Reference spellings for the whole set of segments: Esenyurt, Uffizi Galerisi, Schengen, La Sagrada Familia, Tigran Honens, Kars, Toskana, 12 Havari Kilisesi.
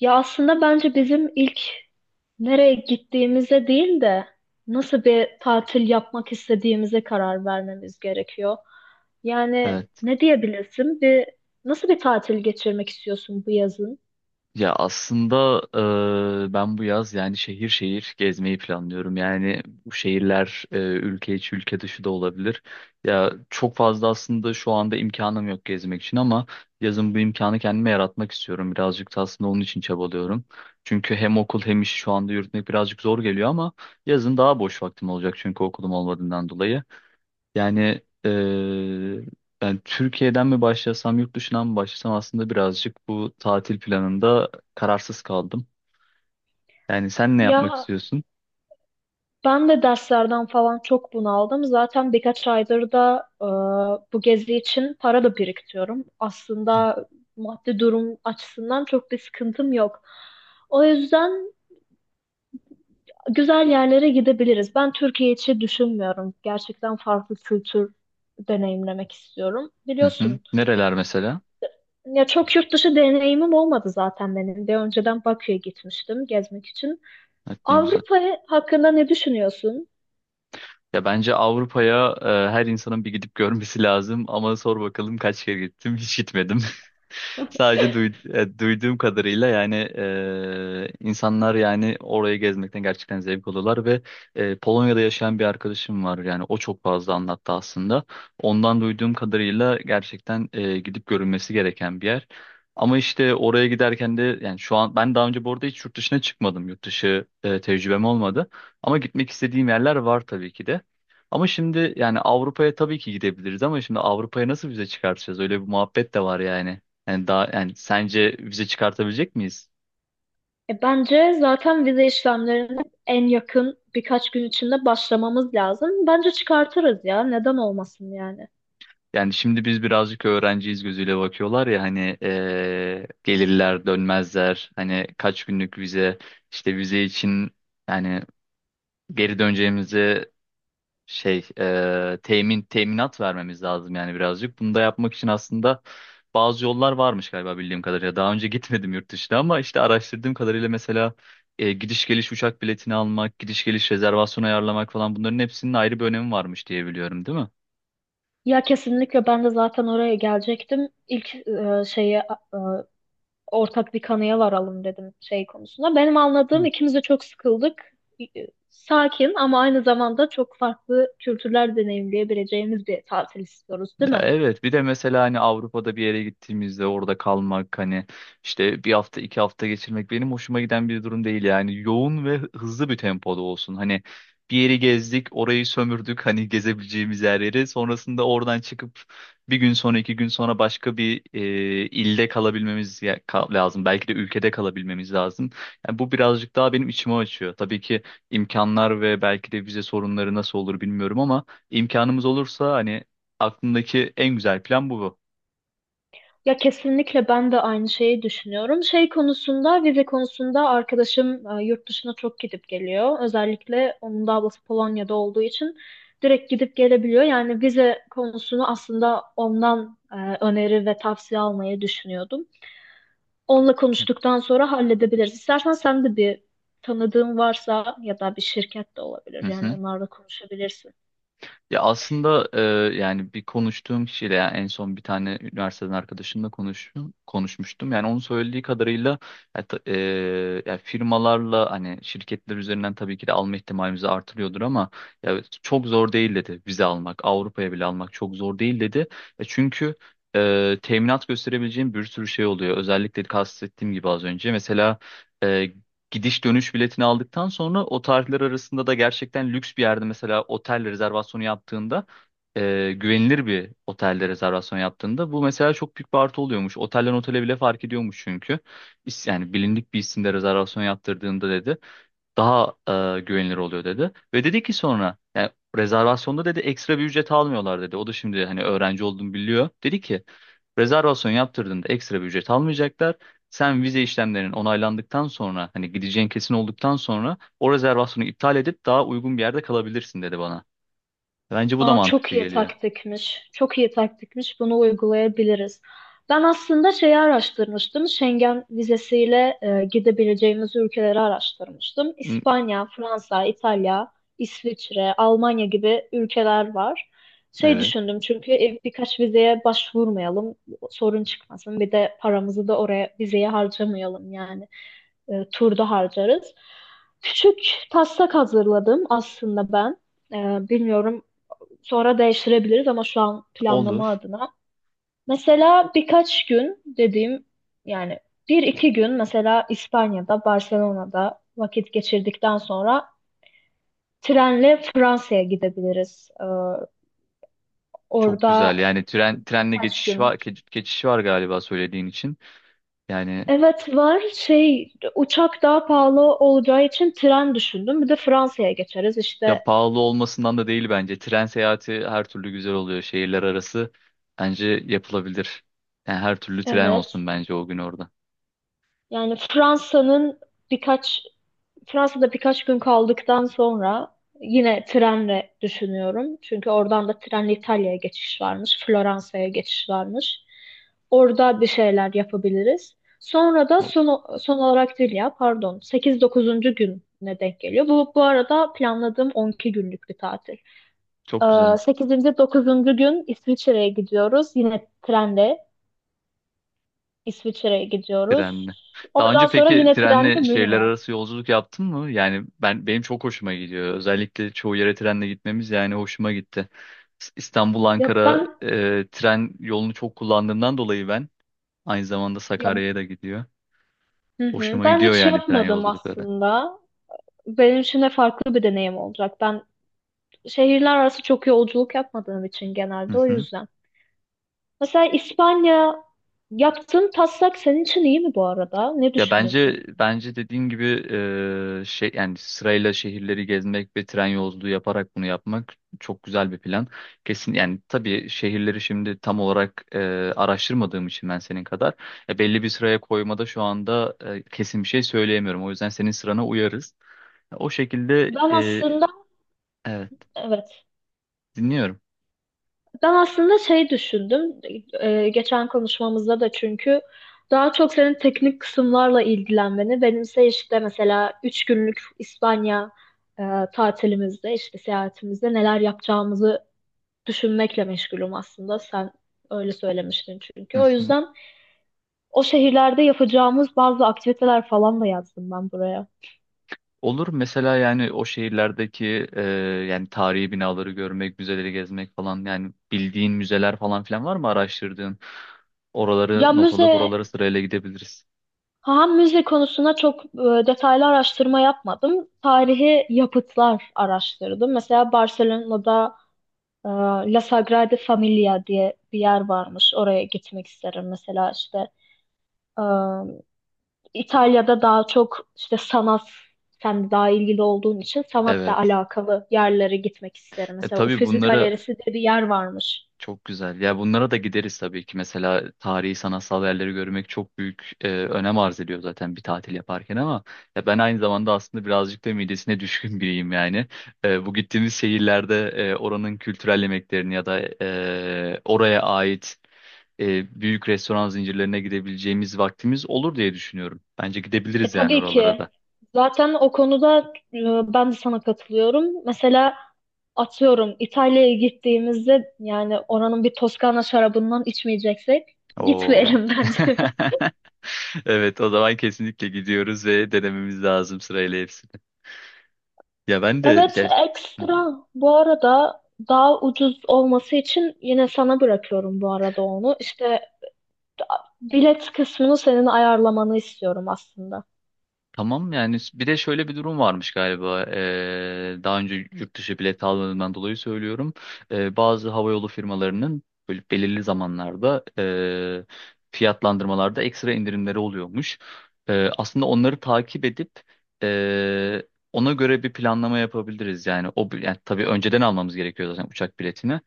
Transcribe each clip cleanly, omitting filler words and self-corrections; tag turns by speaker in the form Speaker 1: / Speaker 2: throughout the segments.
Speaker 1: Ya aslında bence bizim ilk nereye gittiğimize değil de nasıl bir tatil yapmak istediğimize karar vermemiz gerekiyor. Yani
Speaker 2: Evet.
Speaker 1: ne diyebilirsin? Nasıl bir tatil geçirmek istiyorsun bu yazın?
Speaker 2: Ya aslında ben bu yaz yani şehir şehir gezmeyi planlıyorum. Yani bu şehirler ülke içi ülke dışı da olabilir. Ya çok fazla aslında şu anda imkanım yok gezmek için ama yazın bu imkanı kendime yaratmak istiyorum. Birazcık da aslında onun için çabalıyorum. Çünkü hem okul hem iş şu anda yürütmek birazcık zor geliyor ama yazın daha boş vaktim olacak çünkü okulum olmadığından dolayı. Yani eee, Ben Türkiye'den mi başlasam, yurt dışından mı başlasam aslında birazcık bu tatil planında kararsız kaldım. Yani sen ne yapmak
Speaker 1: Ya
Speaker 2: istiyorsun?
Speaker 1: ben de derslerden falan çok bunaldım. Zaten birkaç aydır da bu gezi için para da biriktiriyorum. Aslında maddi durum açısından çok bir sıkıntım yok. O yüzden güzel yerlere gidebiliriz. Ben Türkiye içi düşünmüyorum. Gerçekten farklı kültür deneyimlemek istiyorum.
Speaker 2: Hı hı.
Speaker 1: Biliyorsun,
Speaker 2: Nereler mesela?
Speaker 1: ya çok yurt dışı deneyimim olmadı zaten benim de. Önceden Bakü'ye gitmiştim gezmek için.
Speaker 2: Evet, ne güzel.
Speaker 1: Avrupa hakkında ne düşünüyorsun?
Speaker 2: Ya bence Avrupa'ya her insanın bir gidip görmesi lazım ama sor bakalım kaç kere gittim? Hiç gitmedim. Sadece duyduğum kadarıyla yani insanlar yani orayı gezmekten gerçekten zevk alıyorlar ve Polonya'da yaşayan bir arkadaşım var yani o çok fazla anlattı aslında. Ondan duyduğum kadarıyla gerçekten gidip görülmesi gereken bir yer. Ama işte oraya giderken de yani şu an ben daha önce bu arada hiç yurt dışına çıkmadım. Yurt dışı tecrübem olmadı. Ama gitmek istediğim yerler var tabii ki de. Ama şimdi yani Avrupa'ya tabii ki gidebiliriz ama şimdi Avrupa'ya nasıl vize çıkartacağız? Öyle bir muhabbet de var yani. Yani daha yani sence vize çıkartabilecek miyiz?
Speaker 1: Bence zaten vize işlemlerine en yakın birkaç gün içinde başlamamız lazım. Bence çıkartırız ya. Neden olmasın yani?
Speaker 2: Yani şimdi biz birazcık öğrenciyiz gözüyle bakıyorlar ya hani gelirler dönmezler hani kaç günlük vize işte vize için yani geri döneceğimizi teminat vermemiz lazım yani birazcık. Bunu da yapmak için aslında bazı yollar varmış galiba bildiğim kadarıyla. Daha önce gitmedim yurt dışına ama işte araştırdığım kadarıyla mesela gidiş geliş uçak biletini almak, gidiş geliş rezervasyon ayarlamak falan bunların hepsinin ayrı bir önemi varmış diye biliyorum, değil mi?
Speaker 1: Ya kesinlikle ben de zaten oraya gelecektim. İlk şeyi ortak bir kanıya varalım dedim şey konusunda. Benim anladığım
Speaker 2: Hı.
Speaker 1: ikimiz de çok sıkıldık. Sakin ama aynı zamanda çok farklı kültürler deneyimleyebileceğimiz bir tatil istiyoruz, değil
Speaker 2: Ya
Speaker 1: mi?
Speaker 2: evet, bir de mesela hani Avrupa'da bir yere gittiğimizde orada kalmak hani işte bir hafta iki hafta geçirmek benim hoşuma giden bir durum değil yani yoğun ve hızlı bir tempoda olsun hani bir yeri gezdik orayı sömürdük hani gezebileceğimiz her yeri sonrasında oradan çıkıp bir gün sonra iki gün sonra başka bir ilde lazım belki de ülkede kalabilmemiz lazım yani bu birazcık daha benim içimi açıyor tabii ki imkanlar ve belki de vize sorunları nasıl olur bilmiyorum ama imkanımız olursa hani aklımdaki en güzel plan bu.
Speaker 1: Ya kesinlikle ben de aynı şeyi düşünüyorum. Şey konusunda, vize konusunda arkadaşım yurt dışına çok gidip geliyor. Özellikle onun da ablası Polonya'da olduğu için direkt gidip gelebiliyor. Yani vize konusunu aslında ondan öneri ve tavsiye almayı düşünüyordum. Onunla konuştuktan sonra halledebiliriz. İstersen sen de bir tanıdığın varsa ya da bir şirket de olabilir.
Speaker 2: Hı
Speaker 1: Yani
Speaker 2: hı.
Speaker 1: onlarla konuşabilirsin.
Speaker 2: Ya aslında yani bir konuştuğum kişiyle yani en son bir tane üniversiteden arkadaşımla konuşmuştum. Yani onun söylediği kadarıyla ya ta- e, ya firmalarla hani şirketler üzerinden tabii ki de alma ihtimalimizi artırıyordur ama ya çok zor değil dedi vize almak, Avrupa'ya bile almak çok zor değil dedi. Çünkü teminat gösterebileceğim bir sürü şey oluyor. Özellikle kastettiğim gibi az önce mesela e, gidiş dönüş biletini aldıktan sonra o tarihler arasında da gerçekten lüks bir yerde mesela otel rezervasyonu yaptığında, güvenilir bir otelde rezervasyon yaptığında bu mesela çok büyük bir artı oluyormuş. Otelden otele bile fark ediyormuş çünkü. Yani bilindik bir isimde rezervasyon yaptırdığında dedi daha güvenilir oluyor dedi. Ve dedi ki sonra yani rezervasyonda dedi ekstra bir ücret almıyorlar dedi. O da şimdi hani öğrenci olduğunu biliyor. Dedi ki rezervasyon yaptırdığında ekstra bir ücret almayacaklar. Sen vize işlemlerinin onaylandıktan sonra hani gideceğin kesin olduktan sonra o rezervasyonu iptal edip daha uygun bir yerde kalabilirsin dedi bana. Bence bu da
Speaker 1: Aa, çok
Speaker 2: mantıklı
Speaker 1: iyi
Speaker 2: geliyor.
Speaker 1: taktikmiş. Çok iyi taktikmiş. Bunu uygulayabiliriz. Ben aslında şeyi araştırmıştım. Schengen vizesiyle gidebileceğimiz ülkeleri araştırmıştım.
Speaker 2: Hı,
Speaker 1: İspanya, Fransa, İtalya, İsviçre, Almanya gibi ülkeler var. Şey
Speaker 2: evet,
Speaker 1: düşündüm çünkü birkaç vizeye başvurmayalım, sorun çıkmasın. Bir de paramızı da oraya vizeye harcamayalım yani. Turda harcarız. Küçük taslak hazırladım aslında ben. Bilmiyorum, sonra değiştirebiliriz ama şu an planlama
Speaker 2: olur.
Speaker 1: adına. Mesela birkaç gün dediğim, yani bir iki gün mesela İspanya'da, Barcelona'da vakit geçirdikten sonra trenle Fransa'ya gidebiliriz.
Speaker 2: Çok güzel.
Speaker 1: Orada
Speaker 2: Yani trenle
Speaker 1: birkaç
Speaker 2: geçiş
Speaker 1: gün.
Speaker 2: var geçiş var galiba söylediğin için. Yani
Speaker 1: Evet var, şey, uçak daha pahalı olacağı için tren düşündüm. Bir de Fransa'ya geçeriz işte.
Speaker 2: ya pahalı olmasından da değil bence. Tren seyahati her türlü güzel oluyor. Şehirler arası bence yapılabilir. Yani her türlü tren olsun
Speaker 1: Evet.
Speaker 2: bence o gün orada.
Speaker 1: Yani Fransa'nın birkaç Fransa'da birkaç gün kaldıktan sonra yine trenle düşünüyorum. Çünkü oradan da trenle İtalya'ya geçiş varmış, Floransa'ya geçiş varmış. Orada bir şeyler yapabiliriz.
Speaker 2: Oldu.
Speaker 1: Son olarak değil ya, pardon, sekiz dokuzuncu gününe denk geliyor. Bu, bu arada planladığım 12 günlük bir tatil.
Speaker 2: Çok güzel,
Speaker 1: 8. 9. gün İsviçre'ye gidiyoruz. Yine trenle İsviçre'ye gidiyoruz.
Speaker 2: trenle. Daha
Speaker 1: Oradan
Speaker 2: önce
Speaker 1: sonra
Speaker 2: peki
Speaker 1: yine trenle
Speaker 2: trenle şehirler
Speaker 1: Münih'e.
Speaker 2: arası yolculuk yaptın mı? Yani benim çok hoşuma gidiyor. Özellikle çoğu yere trenle gitmemiz yani hoşuma gitti. İstanbul
Speaker 1: Ya
Speaker 2: Ankara
Speaker 1: ben
Speaker 2: tren yolunu çok kullandığımdan dolayı ben aynı zamanda
Speaker 1: ya
Speaker 2: Sakarya'ya da gidiyor.
Speaker 1: Hı hı.
Speaker 2: Hoşuma
Speaker 1: Ben
Speaker 2: gidiyor
Speaker 1: hiç
Speaker 2: yani tren
Speaker 1: yapmadım
Speaker 2: yolculukları.
Speaker 1: aslında. Benim için de farklı bir deneyim olacak. Ben şehirler arası çok yolculuk yapmadığım için
Speaker 2: Hı
Speaker 1: genelde o
Speaker 2: hı.
Speaker 1: yüzden. Mesela İspanya Yaptığın taslak senin için iyi mi bu arada? Ne
Speaker 2: Ya
Speaker 1: düşünüyorsun?
Speaker 2: bence dediğin gibi yani sırayla şehirleri gezmek ve tren yolculuğu yaparak bunu yapmak çok güzel bir plan. Kesin yani tabii şehirleri şimdi tam olarak araştırmadığım için ben senin kadar belli bir sıraya koymada şu anda kesin bir şey söyleyemiyorum. O yüzden senin sırana uyarız. O şekilde
Speaker 1: Ben
Speaker 2: e,
Speaker 1: aslında
Speaker 2: evet,
Speaker 1: Evet.
Speaker 2: dinliyorum.
Speaker 1: Ben aslında şey düşündüm. Geçen konuşmamızda da çünkü daha çok senin teknik kısımlarla ilgilenmeni, benimse işte mesela 3 günlük İspanya e, tatilimizde, işte seyahatimizde neler yapacağımızı düşünmekle meşgulüm aslında. Sen öyle söylemiştin
Speaker 2: Hı
Speaker 1: çünkü. O
Speaker 2: hı.
Speaker 1: yüzden o şehirlerde yapacağımız bazı aktiviteler falan da yazdım ben buraya.
Speaker 2: Olur, mesela yani o şehirlerdeki yani tarihi binaları görmek, müzeleri gezmek falan yani bildiğin müzeler falan filan var mı araştırdığın? Oraları
Speaker 1: Ya
Speaker 2: not alıp
Speaker 1: müze,
Speaker 2: oraları sırayla gidebiliriz.
Speaker 1: ha, müze konusuna çok detaylı araştırma yapmadım. Tarihi yapıtlar araştırdım. Mesela Barcelona'da e, La Sagrada Familia diye bir yer varmış. Oraya gitmek isterim. Mesela işte e, İtalya'da daha çok işte sanat, sen de daha ilgili olduğun için sanatla
Speaker 2: Evet.
Speaker 1: alakalı yerlere gitmek isterim.
Speaker 2: E,
Speaker 1: Mesela
Speaker 2: tabii
Speaker 1: Uffizi
Speaker 2: bunlara
Speaker 1: Galerisi diye bir yer varmış.
Speaker 2: çok güzel. Ya bunlara da gideriz tabii ki. Mesela tarihi sanatsal yerleri görmek çok büyük önem arz ediyor zaten bir tatil yaparken ama ya ben aynı zamanda aslında birazcık da midesine düşkün biriyim yani. Bu gittiğimiz şehirlerde oranın kültürel yemeklerini ya da oraya ait büyük restoran zincirlerine gidebileceğimiz vaktimiz olur diye düşünüyorum. Bence
Speaker 1: E,
Speaker 2: gidebiliriz yani
Speaker 1: tabii
Speaker 2: oralara da.
Speaker 1: ki. Zaten o konuda ben de sana katılıyorum. Mesela atıyorum İtalya'ya gittiğimizde, yani oranın bir Toskana şarabından içmeyeceksek
Speaker 2: Oo.
Speaker 1: gitmeyelim bence.
Speaker 2: Evet, o zaman kesinlikle gidiyoruz ve denememiz lazım sırayla hepsini. Ya ben de
Speaker 1: Evet,
Speaker 2: şey... Hı.
Speaker 1: ekstra bu arada, daha ucuz olması için yine sana bırakıyorum bu arada onu. İşte bilet kısmını senin ayarlamanı istiyorum aslında.
Speaker 2: Tamam, yani bir de şöyle bir durum varmış galiba. Daha önce yurt dışı bilet aldığımdan dolayı söylüyorum, bazı havayolu firmalarının böyle belirli zamanlarda fiyatlandırmalarda ekstra indirimleri oluyormuş. Aslında onları takip edip ee, ona göre bir planlama yapabiliriz yani yani tabii önceden almamız gerekiyor zaten uçak biletini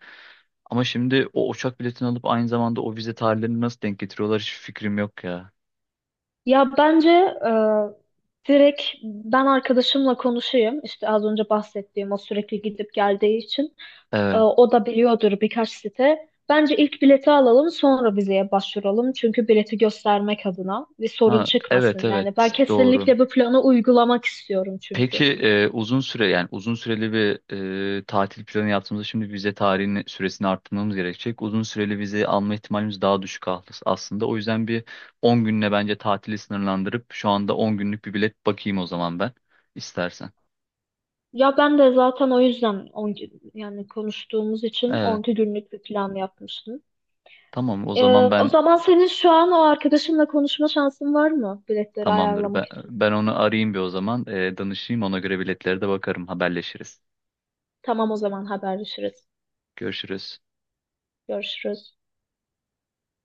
Speaker 2: ama şimdi o uçak biletini alıp aynı zamanda o vize tarihlerini nasıl denk getiriyorlar hiç fikrim yok ya.
Speaker 1: Ya bence e, direkt ben arkadaşımla konuşayım. İşte az önce bahsettiğim, o sürekli gidip geldiği için
Speaker 2: Evet.
Speaker 1: o da biliyordur birkaç site. Bence ilk bileti alalım sonra vizeye başvuralım. Çünkü bileti göstermek adına bir sorun
Speaker 2: Ha,
Speaker 1: çıkmasın. Yani ben
Speaker 2: evet, doğru.
Speaker 1: kesinlikle bu planı uygulamak istiyorum
Speaker 2: Peki
Speaker 1: çünkü.
Speaker 2: uzun süre yani uzun süreli bir tatil planı yaptığımızda şimdi vize tarihini süresini arttırmamız gerekecek. Uzun süreli vize alma ihtimalimiz daha düşük aslında. O yüzden bir 10 günle bence tatili sınırlandırıp şu anda 10 günlük bir bilet bakayım o zaman ben istersen.
Speaker 1: Ya ben de zaten o yüzden yani konuştuğumuz için on
Speaker 2: Evet,
Speaker 1: iki günlük bir plan yapmıştım.
Speaker 2: tamam o
Speaker 1: Ee,
Speaker 2: zaman
Speaker 1: O zaman senin şu an o arkadaşınla konuşma şansın var mı biletleri
Speaker 2: tamamdır.
Speaker 1: ayarlamak için?
Speaker 2: Ben onu arayayım bir o zaman, danışayım, ona göre biletlere de bakarım, haberleşiriz.
Speaker 1: Tamam, o zaman haberleşiriz.
Speaker 2: Görüşürüz.
Speaker 1: Görüşürüz.